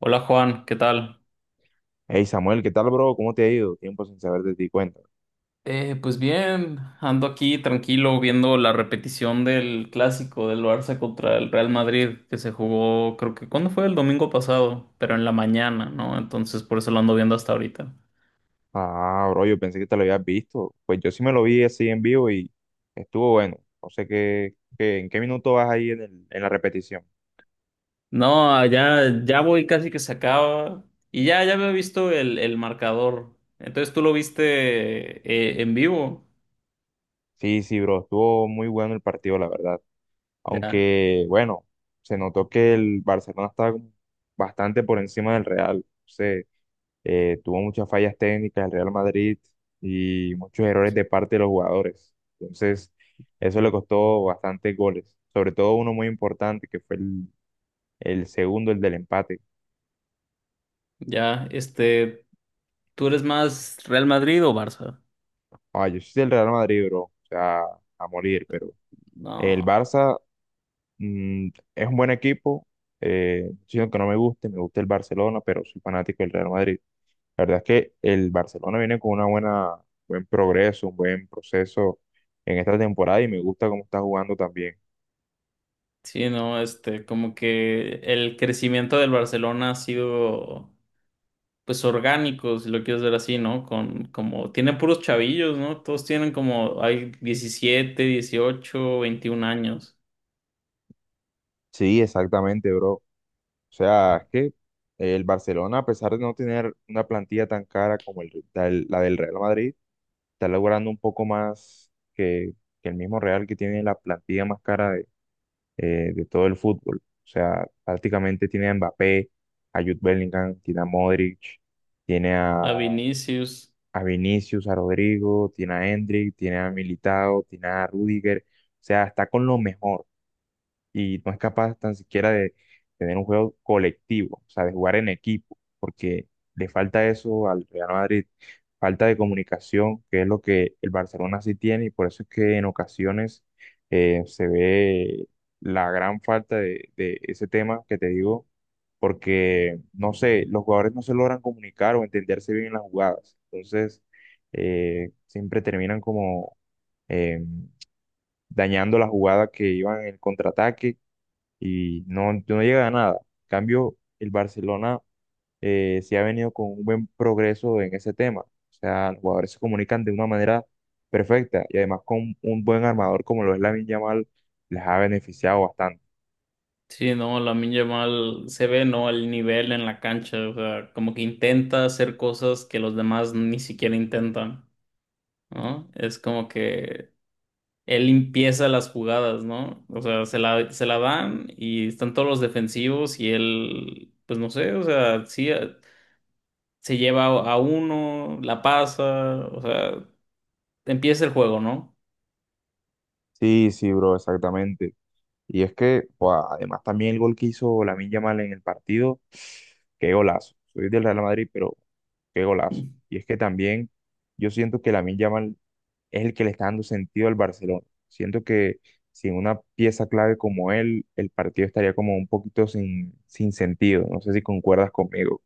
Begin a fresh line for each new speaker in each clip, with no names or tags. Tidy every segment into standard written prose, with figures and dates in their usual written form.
Hola Juan, ¿qué tal?
Hey Samuel, ¿qué tal, bro? ¿Cómo te ha ido? Tiempo sin saber de ti, cuenta.
Pues bien, ando aquí tranquilo viendo la repetición del clásico del Barça contra el Real Madrid que se jugó, creo que, ¿cuándo fue? El domingo pasado, pero en la mañana, ¿no? Entonces por eso lo ando viendo hasta ahorita.
Ah, bro, yo pensé que te lo habías visto. Pues yo sí me lo vi así en vivo y estuvo bueno. No sé en qué minuto vas ahí en en la repetición.
No, ya voy casi que se acaba y ya, ya había visto el marcador. Entonces tú lo viste en vivo,
Sí, sí, bro, estuvo muy bueno el partido, la verdad.
ya,
Aunque, bueno, se notó que el Barcelona estaba como bastante por encima del Real. Tuvo muchas fallas técnicas el Real Madrid y muchos errores de parte de los jugadores. Entonces, eso le costó bastantes goles, sobre todo uno muy importante que fue el segundo, el del empate.
ya, este, ¿tú eres más Real Madrid o Barça?
Ah, yo soy del Real Madrid, bro, o sea, a morir, pero el
No.
Barça mm, es un buen equipo, sino que no me guste, me gusta el Barcelona, pero soy fanático del Real Madrid. La verdad es que el Barcelona viene con una buen progreso, un buen proceso en esta temporada y me gusta cómo está jugando también.
Sí, no, este, como que el crecimiento del Barcelona ha sido, pues, orgánico, si lo quieres ver así, ¿no? Con, como, tiene puros chavillos, ¿no? Todos tienen como, hay 17, 18, 21 años.
Sí, exactamente, bro. O sea, es que el Barcelona, a pesar de no tener una plantilla tan cara como la del Real Madrid, está logrando un poco más que el mismo Real que tiene la plantilla más cara de todo el fútbol. O sea, prácticamente tiene a Mbappé, a Jude Bellingham, tiene a Modric, tiene a
A Vinicius,
a Vinicius, a Rodrigo, tiene a Endrick, tiene a Militao, tiene a Rudiger, o sea, está con lo mejor y no es capaz tan siquiera de tener un juego colectivo, o sea, de jugar en equipo, porque le falta eso al Real Madrid, falta de comunicación, que es lo que el Barcelona sí tiene, y por eso es que en ocasiones se ve la gran falta de ese tema que te digo, porque, no sé, los jugadores no se logran comunicar o entenderse bien en las jugadas, entonces siempre terminan como eh, dañando la jugada que iban en el contraataque y no llega a nada. En cambio, el Barcelona sí ha venido con un buen progreso en ese tema. O sea, los jugadores se comunican de una manera perfecta y además con un buen armador como lo es Lamine Yamal, les ha beneficiado bastante.
sí, no, Lamine Yamal se ve, ¿no? El nivel en la cancha, o sea, como que intenta hacer cosas que los demás ni siquiera intentan, ¿no? Es como que él empieza las jugadas, ¿no? O sea, se la dan y están todos los defensivos y él, pues no sé, o sea, sí, se lleva a uno, la pasa, o sea, empieza el juego, ¿no?
Sí, sí, bro, exactamente. Y es que, buah, además también el gol que hizo Lamine Yamal en el partido, qué golazo. Soy del Real Madrid, pero qué golazo. Y es que también yo siento que Lamine Yamal es el que le está dando sentido al Barcelona. Siento que sin una pieza clave como él, el partido estaría como un poquito sin sentido. No sé si concuerdas conmigo.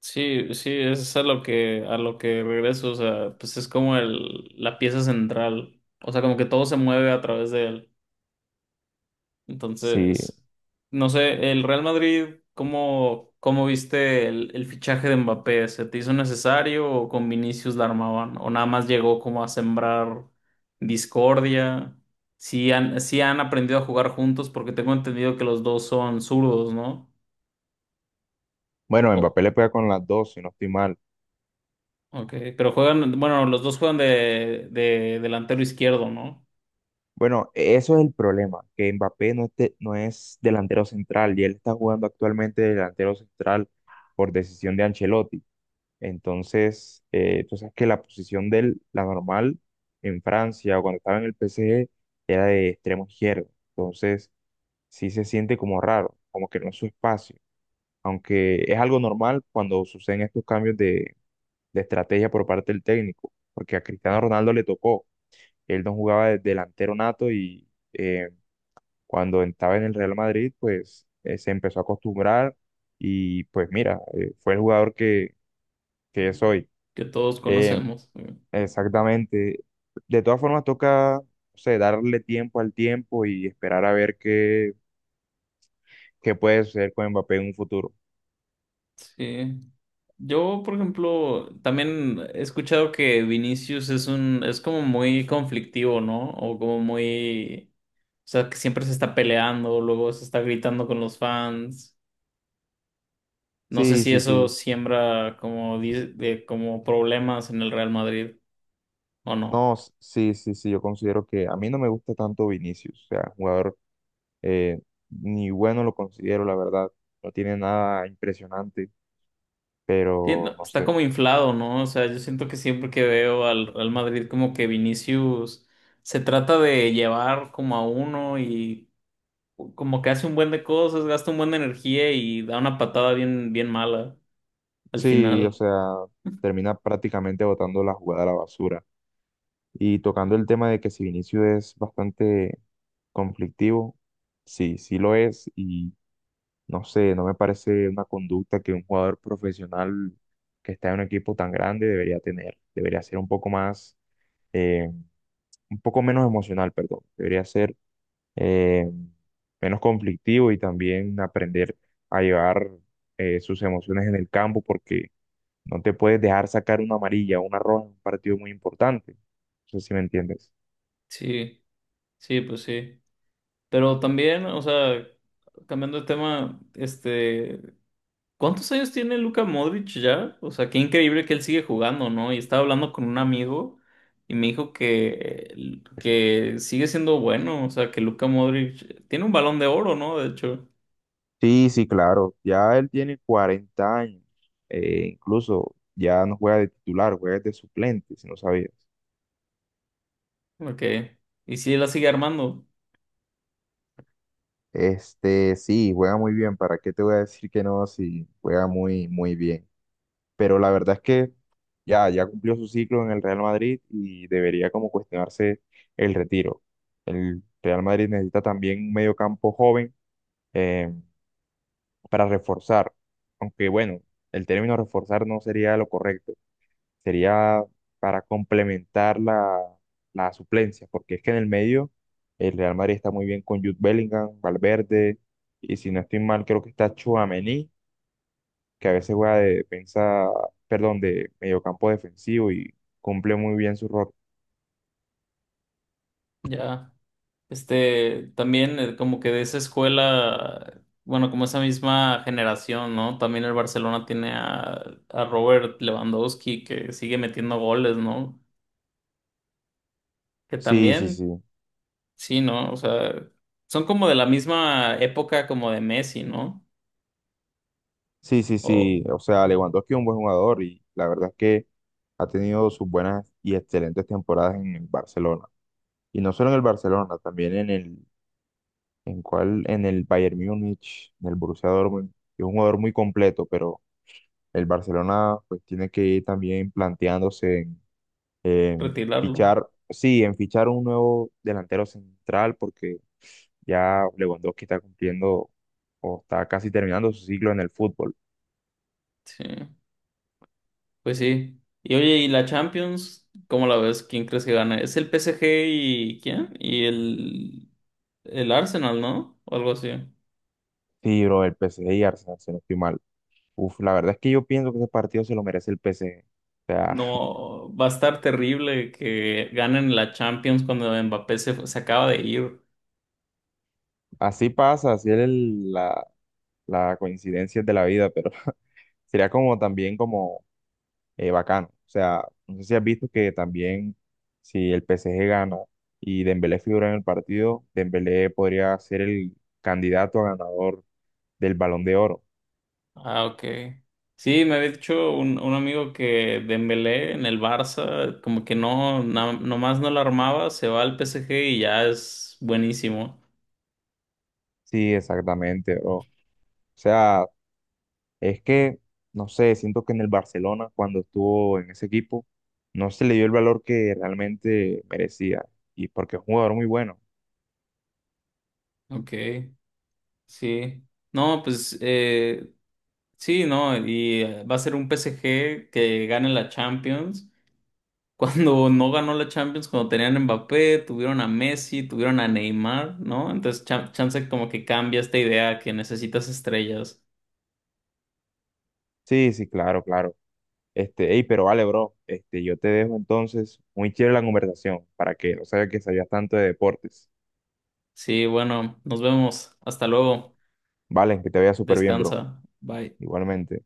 Sí, sí, eso es a lo que regreso, o sea, pues es como el, la pieza central, o sea, como que todo se mueve a través de él.
Sí,
Entonces, no sé, el Real Madrid, ¿cómo, cómo viste el fichaje de Mbappé? ¿Se te hizo necesario o con Vinicius la armaban? ¿O nada más llegó como a sembrar discordia? Sí han aprendido a jugar juntos? Porque tengo entendido que los dos son zurdos, ¿no?
bueno,
Oh,
Mbappé le pega con las dos, si no estoy mal.
ok, pero juegan, bueno, los dos juegan de delantero izquierdo, ¿no?
Bueno, eso es el problema, que Mbappé no, no es delantero central y él está jugando actualmente de delantero central por decisión de Ancelotti. Entonces, tú sabes que la posición de él, la normal en Francia o cuando estaba en el PSG, era de extremo izquierdo. Entonces, sí se siente como raro, como que no es su espacio, aunque es algo normal cuando suceden estos cambios de estrategia por parte del técnico, porque a Cristiano Ronaldo le tocó, él no jugaba de delantero nato y cuando estaba en el Real Madrid, pues se empezó a acostumbrar y pues mira, fue el jugador que es hoy.
Que todos
Eh,
conocemos.
Exactamente. De todas formas, toca, o sea, darle tiempo al tiempo y esperar a ver qué puede suceder con Mbappé en un futuro.
Sí. Yo, por ejemplo, también he escuchado que Vinicius es un, es como muy conflictivo, ¿no? O como muy, o sea, que siempre se está peleando, luego se está gritando con los fans. No sé
Sí,
si
sí,
eso
sí.
siembra como, di- de, como problemas en el Real Madrid o no.
No, sí, sí, sí, yo considero que a mí no me gusta tanto Vinicius, o sea, jugador eh, ni bueno lo considero, la verdad, no tiene nada impresionante,
Sí,
pero
no,
no
está
sé,
como inflado, ¿no? O sea, yo siento que siempre que veo al Real Madrid como que Vinicius se trata de llevar como a uno y como que hace un buen de cosas, gasta un buen de energía y da una patada bien, bien mala al
sí, o
final.
sea, termina prácticamente botando la jugada a la basura. Y tocando el tema de que si Vinicius es bastante conflictivo, sí, sí lo es, y no sé, no me parece una conducta que un jugador profesional que está en un equipo tan grande debería tener, debería ser un poco más eh, un poco menos emocional, perdón. Debería ser eh, menos conflictivo y también aprender a llevar sus emociones en el campo porque no te puedes dejar sacar una amarilla o una roja en un partido muy importante. No sé si me entiendes.
Sí, sí, pues sí. Pero también, o sea, cambiando de tema, este, ¿cuántos años tiene Luka Modric ya? O sea, qué increíble que él sigue jugando, ¿no? Y estaba hablando con un amigo y me dijo que sigue siendo bueno, o sea, que Luka Modric tiene un balón de oro, ¿no? De hecho,
Sí, sí, claro. Ya él tiene 40 años. Incluso ya no juega de titular, juega de suplente, si no sabías.
ok. Y si la sigue armando,
Este, sí, juega muy bien. ¿Para qué te voy a decir que no? Si juega muy, muy bien. Pero la verdad es que ya cumplió su ciclo en el Real Madrid y debería como cuestionarse el retiro. El Real Madrid necesita también un mediocampo joven eh, para reforzar, aunque bueno, el término reforzar no sería lo correcto, sería para complementar la suplencia, porque es que en el medio el Real Madrid está muy bien con Jude Bellingham, Valverde, y si no estoy mal, creo que está Tchouaméni que a veces juega de defensa, perdón, de mediocampo defensivo y cumple muy bien su rol.
ya. Este, también como que de esa escuela, bueno, como esa misma generación, ¿no? También el Barcelona tiene a Robert Lewandowski que sigue metiendo goles, ¿no? Que
Sí, sí,
también,
sí.
sí, ¿no? O sea, son como de la misma época como de Messi, ¿no?
Sí, sí,
O
sí. O sea, Lewandowski es un buen jugador y la verdad es que ha tenido sus buenas y excelentes temporadas en el Barcelona. Y no solo en el Barcelona, también en en el Bayern Múnich, en el Borussia Dortmund. Es un jugador muy completo, pero el Barcelona pues tiene que ir también planteándose en
retirarlo.
fichar, sí, en fichar un nuevo delantero central porque ya Lewandowski está cumpliendo o está casi terminando su ciclo en el fútbol.
Sí, pues sí. Y oye, ¿y la Champions? ¿Cómo la ves? ¿Quién crees que gana? ¿Es el PSG y quién? Y el Arsenal, ¿no? O algo así.
Sí, bro, el PSG y Arsenal, si no estoy mal. Uf, la verdad es que yo pienso que ese partido se lo merece el PSG. O sea,
No, va a estar terrible que ganen la Champions cuando Mbappé se, fu- se acaba de ir.
así pasa, así es la coincidencia de la vida, pero sería como también como bacano. O sea, no sé si has visto que también si el PSG gana y Dembélé figura en el partido, Dembélé podría ser el candidato a ganador del Balón de Oro.
Ah, ok. Sí, me había dicho un amigo que Dembélé en el Barça, como que no, na- nomás no la armaba, se va al PSG y ya es buenísimo.
Sí, exactamente, bro. O sea, es que, no sé, siento que en el Barcelona, cuando estuvo en ese equipo, no se le dio el valor que realmente merecía. Y porque es un jugador muy bueno.
Ok, sí. No, pues sí, no, y va a ser un PSG que gane la Champions. Cuando no ganó la Champions, cuando tenían a Mbappé, tuvieron a Messi, tuvieron a Neymar, ¿no? Entonces, chan- chance como que cambia esta idea que necesitas estrellas.
Sí, sí, claro, claro. Este, ey, pero vale, bro. Este, yo te dejo entonces muy chévere la conversación para que no sabes que sabías tanto de deportes.
Sí, bueno, nos vemos. Hasta luego.
Vale, que te vaya súper bien, bro.
Descansa. Bye.
Igualmente.